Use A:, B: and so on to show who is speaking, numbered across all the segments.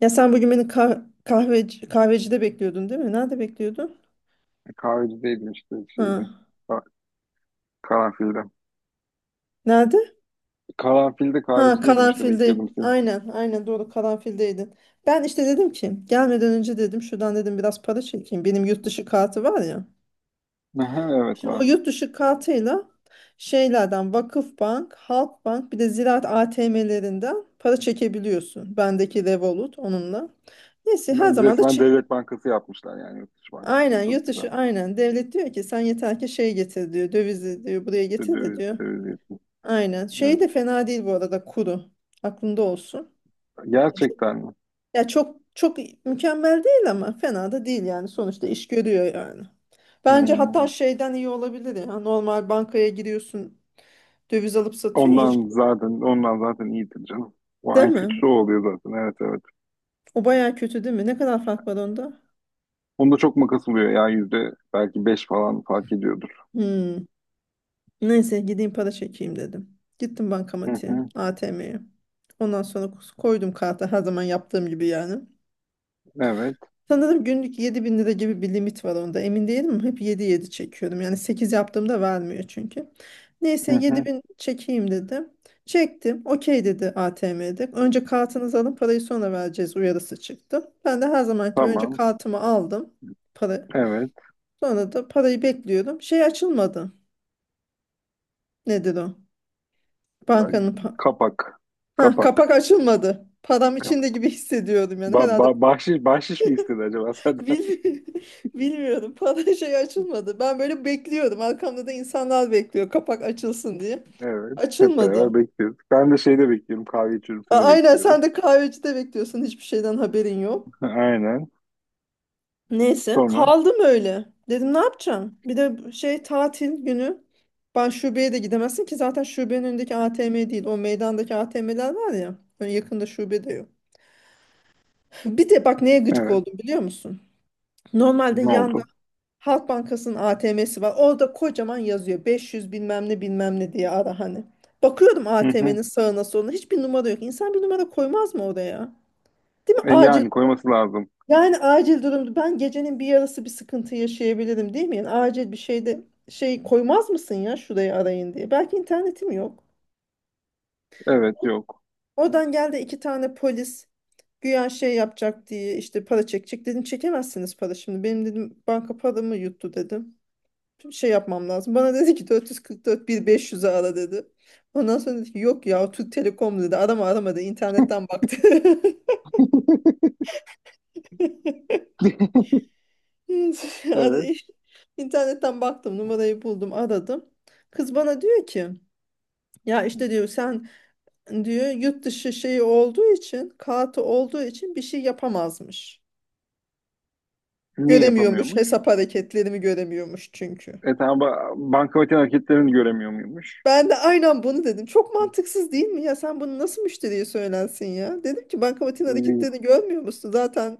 A: Ya sen bugün beni kahvecide bekliyordun değil mi? Nerede bekliyordun?
B: Kahveci değildim işte şeydi.
A: Ha.
B: Ka- Karanfilde.
A: Nerede?
B: Karanfilde
A: Ha,
B: kahveci değildim işte
A: Karanfil'de.
B: bekliyordum seni.
A: Aynen, aynen doğru Karanfil'deydin. Ben işte dedim ki gelmeden önce dedim şuradan dedim biraz para çekeyim. Benim yurt dışı kartı var ya.
B: Aha, evet
A: Şimdi o
B: ben.
A: yurt dışı kartıyla şeylerden Vakıfbank, Halkbank bir de Ziraat ATM'lerinden para çekebiliyorsun. Bendeki Revolut onunla. Neyse her
B: Ben
A: zaman da
B: resmen
A: çek.
B: devlet bankası yapmışlar yani yurt dışı bankasını
A: Aynen yurt
B: çok güzel.
A: dışı aynen. Devlet diyor ki sen yeter ki şey getir diyor. Dövizi diyor buraya getir de
B: Döviz,
A: diyor.
B: döviz yatırım.
A: Aynen. Şey
B: Evet.
A: de fena değil bu arada kuru. Aklında olsun. Çok,
B: Gerçekten mi?
A: ya çok çok mükemmel değil ama fena da değil yani. Sonuçta iş görüyor yani. Bence hatta
B: Hmm.
A: şeyden iyi olabilir ya. Normal bankaya giriyorsun döviz alıp satıyorsun ya hiç.
B: Ondan zaten iyidir canım. O
A: Değil
B: en
A: mi?
B: kötüsü o oluyor zaten. Evet, evet.
A: O baya kötü değil mi? Ne kadar fark var onda?
B: Onda çok makas oluyor ya, yüzde belki beş falan fark ediyordur.
A: Hmm. Neyse gideyim para çekeyim dedim. Gittim
B: Hı
A: bankamatiğe,
B: hı.
A: ATM'ye. Ondan sonra koydum karta her zaman yaptığım gibi yani.
B: Evet.
A: Sanırım günlük 7000 lira gibi bir limit var onda. Emin değilim ama hep 7-7 çekiyorum. Yani 8 yaptığımda vermiyor çünkü. Neyse
B: Hı
A: yedi
B: hı.
A: bin çekeyim dedim. Çektim. Okey dedi ATM'de. Önce kartınızı alın parayı sonra vereceğiz uyarısı çıktı. Ben de her zaman gibi önce
B: Tamam.
A: kartımı aldım. Para.
B: Evet.
A: Sonra da parayı bekliyorum. Şey açılmadı. Nedir o? Bankanın pa- Ha,
B: Kapak.
A: kapak açılmadı. Param içinde
B: Kapak.
A: gibi hissediyordum yani
B: Ba
A: herhalde.
B: ba- bahşiş, bahşiş mi istedi acaba senden?
A: Bilmi- Bilmiyorum. Para şey açılmadı. Ben böyle bekliyordum. Arkamda da insanlar bekliyor kapak açılsın diye.
B: Evet. Hep
A: Açılmadı.
B: beraber bekliyoruz. Ben de şeyde bekliyorum. Kahve içiyorum. Seni
A: Aynen
B: bekliyorum.
A: sen de kahvecide bekliyorsun. Hiçbir şeyden haberin yok.
B: Aynen.
A: Neyse
B: Sonra.
A: kaldım öyle. Dedim ne yapacağım? Bir de şey tatil günü. Ben şubeye de gidemezsin ki zaten şubenin önündeki ATM değil. O meydandaki ATM'ler var ya. Hani yakında şube de yok. Bir de bak neye gıcık
B: Evet.
A: oldum biliyor musun? Normalde
B: Ne
A: yan.
B: oldu?
A: Halk Bankası'nın ATM'si var. Orada kocaman yazıyor. 500 bilmem ne bilmem ne diye ara hani. Bakıyorum
B: Hı hı.
A: ATM'nin sağına soluna hiçbir numara yok. İnsan bir numara koymaz mı oraya? Değil mi?
B: E,
A: Acil.
B: yani koyması lazım.
A: Yani acil durumda ben gecenin bir yarısı bir sıkıntı yaşayabilirim değil mi? Yani acil bir şeyde şey koymaz mısın ya şurayı arayın diye. Belki internetim yok.
B: Evet. Yok.
A: Oradan geldi iki tane polis güya şey yapacak diye işte para çekecek. Dedim çekemezsiniz para şimdi. Benim dedim banka paramı yuttu dedim. Bir şey yapmam lazım. Bana dedi ki 444 1500'e ara dedi. Ondan sonra dedi ki yok ya Türk Telekom dedi. Arama aramadı internetten baktı.
B: Evet.
A: Yani İnternetten baktım numarayı buldum aradım. Kız bana diyor ki ya işte diyor sen diyor yurt dışı şeyi olduğu için kartı olduğu için bir şey yapamazmış.
B: Niye
A: Göremiyormuş
B: yapamıyormuş?
A: hesap hareketlerimi göremiyormuş çünkü.
B: E tamam bankamatiğin hareketlerini göremiyor muymuş?
A: Ben de aynen bunu dedim. Çok mantıksız değil mi? Ya sen bunu nasıl müşteriye söylensin ya? Dedim ki bankamatiğin
B: E,
A: hareketlerini görmüyor musun? Zaten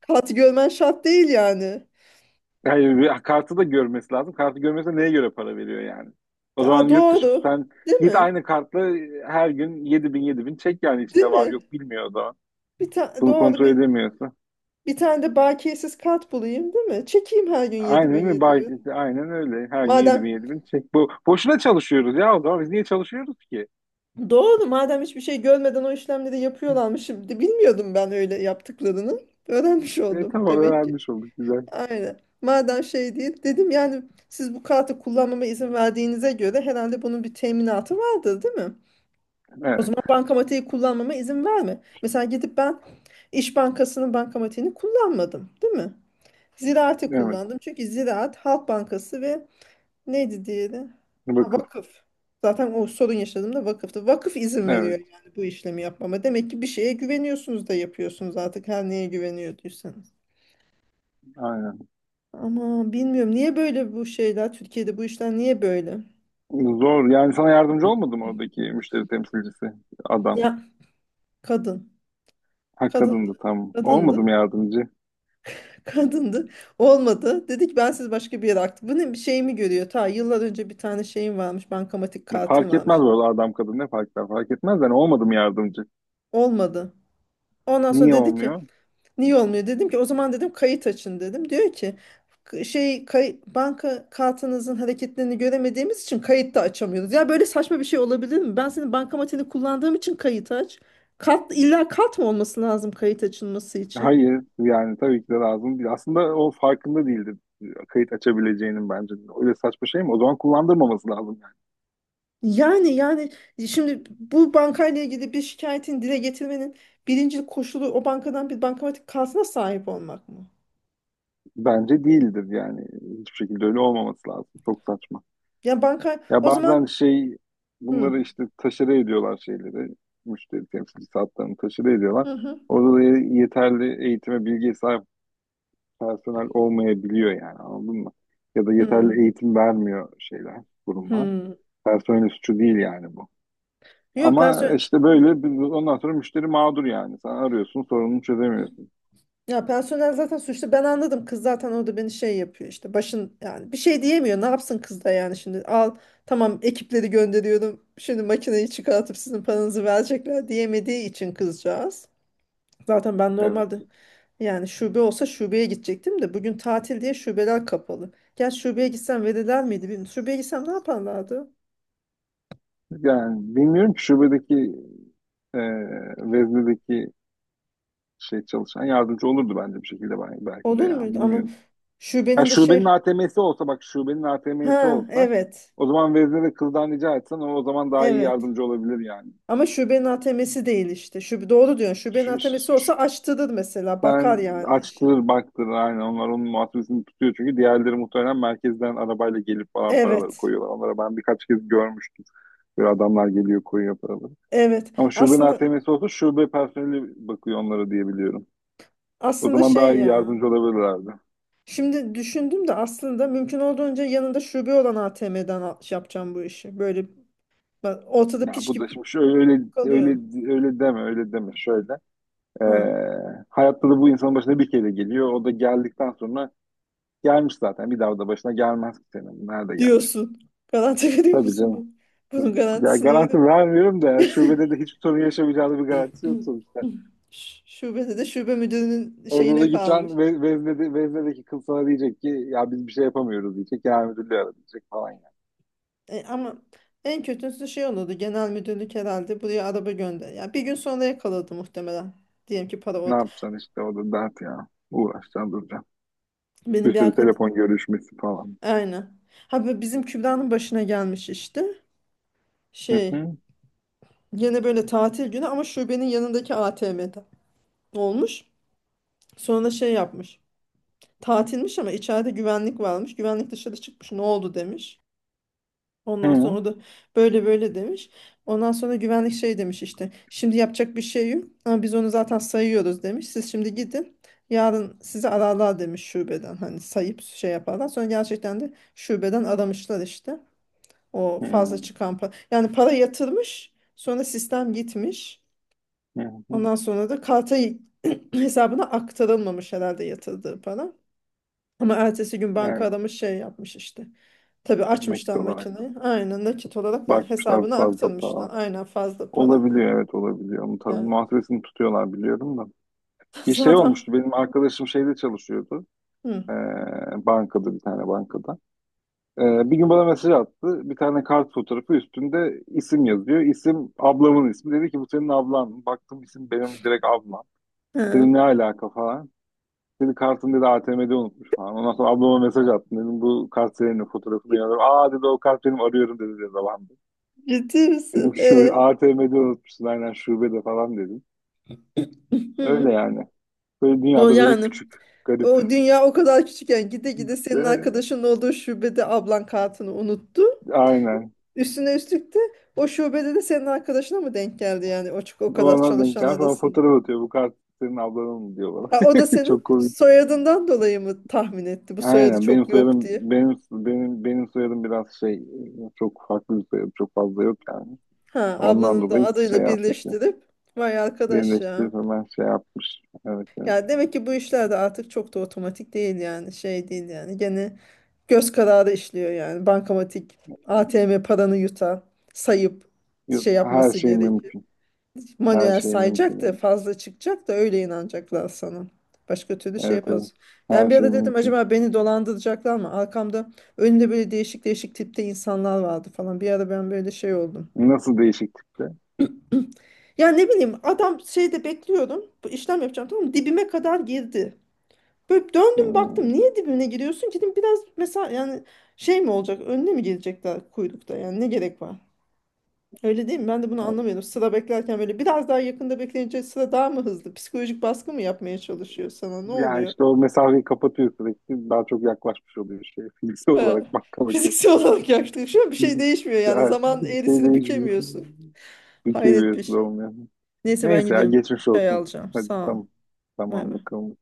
A: kağıt görmen şart değil yani.
B: Hayır. Kartı da görmesi lazım. Kartı görmese neye göre para veriyor yani? O zaman
A: Aa,
B: yurt dışı
A: doğru.
B: sen
A: Değil
B: git
A: mi?
B: aynı kartla her gün yedi bin yedi bin çek, yani
A: Değil
B: içinde var
A: mi?
B: yok bilmiyor o zaman. Bunu
A: Doğru,
B: kontrol edemiyorsa.
A: bir tane de bakiyesiz kart bulayım değil mi? Çekeyim her gün
B: Aynen
A: 7000
B: öyle.
A: 7000.
B: Aynen öyle. Her gün yedi bin
A: Madem
B: yedi bin. Çek. Bu, boşuna çalışıyoruz ya o zaman. Biz niye çalışıyoruz ki?
A: doğru madem hiçbir şey görmeden o işlemleri yapıyorlarmış. Şimdi bilmiyordum ben öyle yaptıklarını. Öğrenmiş
B: E,
A: oldum
B: tamam
A: demek ki.
B: öğrenmiş olduk. Güzel.
A: Aynen. Madem şey değil dedim yani siz bu kartı kullanmama izin verdiğinize göre herhalde bunun bir teminatı vardır değil mi? O
B: Evet.
A: zaman bankamatiği kullanmama izin verme. Mesela gidip ben İş Bankası'nın bankamatiğini kullanmadım değil mi? Ziraat'i
B: Evet.
A: kullandım. Çünkü Ziraat, Halk Bankası ve neydi diğeri? Ha,
B: Vakıf.
A: vakıf. Zaten o sorun yaşadığımda vakıftı. Vakıf izin
B: Evet.
A: veriyor yani bu işlemi yapmama. Demek ki bir şeye güveniyorsunuz da yapıyorsunuz artık her neye güveniyorduysanız.
B: Aynen.
A: Ama bilmiyorum niye böyle bu şeyler Türkiye'de bu işler niye böyle?
B: Zor. Yani sana yardımcı olmadı mı oradaki müşteri temsilcisi? Adam.
A: Ya kadın.
B: Ha kadındı
A: Kadındı.
B: tam.
A: Kadındı.
B: Olmadım yardımcı?
A: Kadındı. Olmadı. Dedi ki ben siz başka bir yere aktım. Bu ne bir şey mi görüyor? Ta yıllar önce bir tane şeyim varmış. Bankamatik
B: Ya,
A: kartım
B: fark etmez
A: varmış.
B: bu arada, adam kadın ne fark eder? Fark etmez yani. Olmadım yardımcı?
A: Olmadı. Ondan sonra
B: Niye
A: dedi ki,
B: olmuyor?
A: niye olmuyor? Dedim ki o zaman dedim kayıt açın dedim. Diyor ki banka kartınızın hareketlerini göremediğimiz için kayıt da açamıyoruz. Ya böyle saçma bir şey olabilir mi? Ben senin bankamatini kullandığım için kayıt aç. Kart, illa kart mı olması lazım kayıt açılması için?
B: Hayır yani tabii ki de lazım değil. Aslında o farkında değildi kayıt açabileceğinin bence. Öyle saçma şey mi? O zaman kullandırmaması lazım yani.
A: Yani şimdi bu bankayla ilgili bir şikayetin dile getirmenin birinci koşulu o bankadan bir bankamatik kartına sahip olmak mı?
B: Bence değildir yani. Hiçbir şekilde öyle olmaması lazım. Çok saçma.
A: Yani banka
B: Ya
A: o
B: bazen
A: zaman
B: şey,
A: hı
B: bunları işte taşere ediyorlar şeyleri. Müşteri temsilcisi hatlarını taşere ediyorlar.
A: hı hı
B: Orada da yeterli eğitime bilgiye sahip personel olmayabiliyor yani, anladın mı? Ya da
A: hı
B: yeterli eğitim vermiyor şeyler, kurumlar.
A: hı.
B: Personel suçu değil yani bu.
A: Yok
B: Ama
A: personel
B: işte böyle ondan sonra müşteri mağdur yani. Sen arıyorsun sorununu çözemiyorsun.
A: Ya personel zaten suçlu. Ben anladım. Kız zaten orada beni şey yapıyor işte. Başın yani bir şey diyemiyor. Ne yapsın kız da yani şimdi al tamam ekipleri gönderiyorum. Şimdi makineyi çıkartıp sizin paranızı verecekler diyemediği için kızcağız. Zaten ben
B: Evet.
A: normalde yani şube olsa şubeye gidecektim de bugün tatil diye şubeler kapalı. Gel şubeye gitsem verirler miydi bilmiyorum. Şubeye gitsem ne yaparlardı?
B: Yani bilmiyorum ki şubedeki e, veznedeki şey çalışan yardımcı olurdu bence bir şekilde ben, belki de
A: Olur
B: ya
A: muydu? Ama
B: bilmiyorum. Ya
A: şubenin de
B: şubenin
A: şey.
B: ATM'si olsa bak, şubenin ATM'si
A: Ha,
B: olsa
A: evet,
B: o zaman vezne ve kızdan rica etsen o, o zaman daha iyi
A: evet.
B: yardımcı olabilir yani.
A: Ama şubenin ATM'si değil işte. Şube, doğru diyorsun. Şubenin
B: Şu,
A: ATM'si olsa açtırır mesela. Bakar
B: sen
A: yani şey.
B: açtır baktır aynen, onlar onun muhasebesini tutuyor çünkü diğerleri muhtemelen merkezden arabayla gelip falan paraları
A: Evet.
B: koyuyorlar. Onlara ben birkaç kez görmüştüm. Böyle adamlar geliyor koyuyor paraları.
A: Evet.
B: Ama şubenin
A: Aslında
B: ATM'si olsa şube personeli bakıyor onlara diye biliyorum. O
A: aslında
B: zaman daha
A: şey
B: iyi
A: ya.
B: yardımcı olabilirlerdi.
A: Şimdi düşündüm de aslında mümkün olduğunca yanında şube olan ATM'den şey yapacağım bu işi. Böyle ortada
B: Ya
A: piş
B: bu da
A: gibi
B: şimdi şöyle öyle öyle
A: kalıyorsun.
B: öyle deme öyle deme şöyle. Ee,
A: Hı.
B: hayatta da bu insanın başına bir kere geliyor. O da geldikten sonra gelmiş zaten. Bir daha da başına gelmez ki senin. Nerede gelecek?
A: Diyorsun. Garanti veriyor
B: Tabii
A: musun
B: canım.
A: bu? Bunun
B: Ya
A: garantisini veriyor.
B: garanti vermiyorum da yani, şubede de hiçbir sorun yaşamayacağını bir garantisi yok sonuçta.
A: Şubede de şube müdürünün
B: Orada da
A: şeyine kalmış.
B: gideceksin ve veznedeki kız sana diyecek ki ya biz bir şey yapamıyoruz diyecek, genel müdürlüğü ara diyecek falan ya.
A: E, ama en kötüsü şey olurdu. Genel müdürlük herhalde buraya araba gönder. Ya bir gün sonra yakaladı muhtemelen. Diyelim ki para
B: Ne
A: orada.
B: yapacaksın işte, o da dert ya. Uğraşacaksın duracaksın.
A: Benim
B: Bir
A: bir
B: sürü
A: arkadaşım
B: telefon görüşmesi falan.
A: aynen. Ha bu bizim Kübra'nın başına gelmiş işte.
B: Hı
A: Şey
B: hı.
A: yine böyle tatil günü ama şubenin yanındaki ATM'de olmuş. Sonra şey yapmış. Tatilmiş ama içeride güvenlik varmış. Güvenlik dışarı çıkmış. Ne oldu demiş.
B: Hı
A: Ondan sonra
B: hı.
A: o da böyle böyle demiş. Ondan sonra güvenlik şey demiş işte. Şimdi yapacak bir şey yok ama biz onu zaten sayıyoruz demiş. Siz şimdi gidin. Yarın sizi ararlar demiş şubeden. Hani sayıp şey yaparlar. Sonra gerçekten de şubeden aramışlar işte. O fazla
B: Hı
A: çıkan para. Yani para yatırmış. Sonra sistem gitmiş.
B: hı.
A: Ondan sonra da karta hesabına aktarılmamış herhalde yatırdığı para. Ama ertesi gün banka
B: Evet,
A: aramış şey yapmış işte. Tabii
B: nakit
A: açmışlar
B: olarak da
A: makineyi. Aynen nakit olarak
B: bakmışlar
A: hesabına
B: fazla para.
A: aktarmışlar. Aynen fazla para.
B: Olabiliyor, evet, olabiliyor. Onun tabii
A: Yani
B: muhasebesini tutuyorlar biliyorum da. Bir şey
A: zaten
B: olmuştu, benim arkadaşım şeyde çalışıyordu.
A: hı.
B: Bankada, bir tane bankada. Bir gün bana mesaj attı. Bir tane kart fotoğrafı, üstünde isim yazıyor. İsim ablamın ismi. Dedi ki bu senin ablan. Baktım isim benim direkt ablam. Dedim
A: Hı.
B: ne alaka falan. Dedi kartını, dedi A T M'de unutmuş falan. Ondan sonra ablama mesaj attım. Dedim bu kart senin, fotoğrafını yazıyorum. Aa dedi o kart benim, arıyorum dedi babam.
A: Ciddi misin?
B: Dedim
A: E?
B: şu A T M'de unutmuşsun aynen şubede falan dedim. Öyle
A: Hı.
B: yani. Böyle
A: O
B: dünyada böyle
A: yani
B: küçük,
A: o
B: garip.
A: dünya o kadar küçükken gide gide senin
B: Ee,
A: arkadaşın olduğu şubede ablan kartını unuttu.
B: aynen.
A: Üstüne üstlük de o şubede de senin arkadaşına mı denk geldi yani o, o kadar
B: Ona denk
A: çalışan
B: gelmiş. Ona
A: arasında?
B: fotoğraf atıyor. Bu kart senin ablanın mı diyor bana.
A: Ha, o da
B: Çok
A: senin
B: komik.
A: soyadından dolayı mı tahmin etti bu soyadı
B: Aynen benim
A: çok yok
B: soyadım,
A: diye?
B: benim soyadım biraz şey, çok farklı bir soyadım. Çok fazla yok yani.
A: Ha,
B: Ondan
A: ablanın da
B: dolayı şey
A: adıyla
B: yapmış ya.
A: birleştirip vay arkadaş ya.
B: Birleştirip hemen şey yapmış. Evet, evet.
A: Ya demek ki bu işler de artık çok da otomatik değil yani şey değil yani gene göz kararı işliyor yani bankamatik ATM paranı yutar sayıp
B: Yok,
A: şey
B: her
A: yapması
B: şey
A: gerekir.
B: mümkün. Her
A: Manuel
B: şey
A: sayacak da
B: mümkün.
A: fazla çıkacak da öyle inanacaklar sana. Başka türlü şey
B: Evet, evet, evet.
A: yapamaz. Ben
B: Her
A: bir
B: şey
A: ara dedim
B: mümkün.
A: acaba beni dolandıracaklar mı? Arkamda önünde böyle değişik değişik tipte insanlar vardı falan. Bir ara ben böyle şey oldum.
B: Nasıl değişiklikte?
A: Ya ne bileyim adam şeyde bekliyorum. Bu işlem yapacağım tamam mı? Dibime kadar girdi. Böyle döndüm baktım.
B: Hmm.
A: Niye dibine giriyorsun ki? Dedim biraz mesela yani şey mi olacak? Önüne mi gelecekler kuyrukta? Yani ne gerek var? Öyle değil mi? Ben de bunu anlamıyorum. Sıra beklerken böyle biraz daha yakında bekleyince sıra daha mı hızlı? Psikolojik baskı mı yapmaya çalışıyor sana? Ne
B: Ya
A: oluyor?
B: işte o mesafeyi kapatıyor sürekli. Daha çok yaklaşmış oluyor şey. Fiziksel
A: He.
B: olarak bakmak.
A: Fiziksel olarak yaklaşıyor. Bir şey değişmiyor yani.
B: Ya,
A: Zaman
B: bir şey
A: eğrisini
B: değişmiyor.
A: bükemiyorsun.
B: Ülke
A: Hayret bir
B: birisi
A: şey.
B: olmuyor.
A: Neyse ben
B: Neyse ya,
A: gidiyorum. Bir
B: geçmiş
A: çay
B: olsun.
A: alacağım.
B: Hadi
A: Sağ ol.
B: tamam.
A: Bay
B: Tamam
A: bay.
B: bakalım.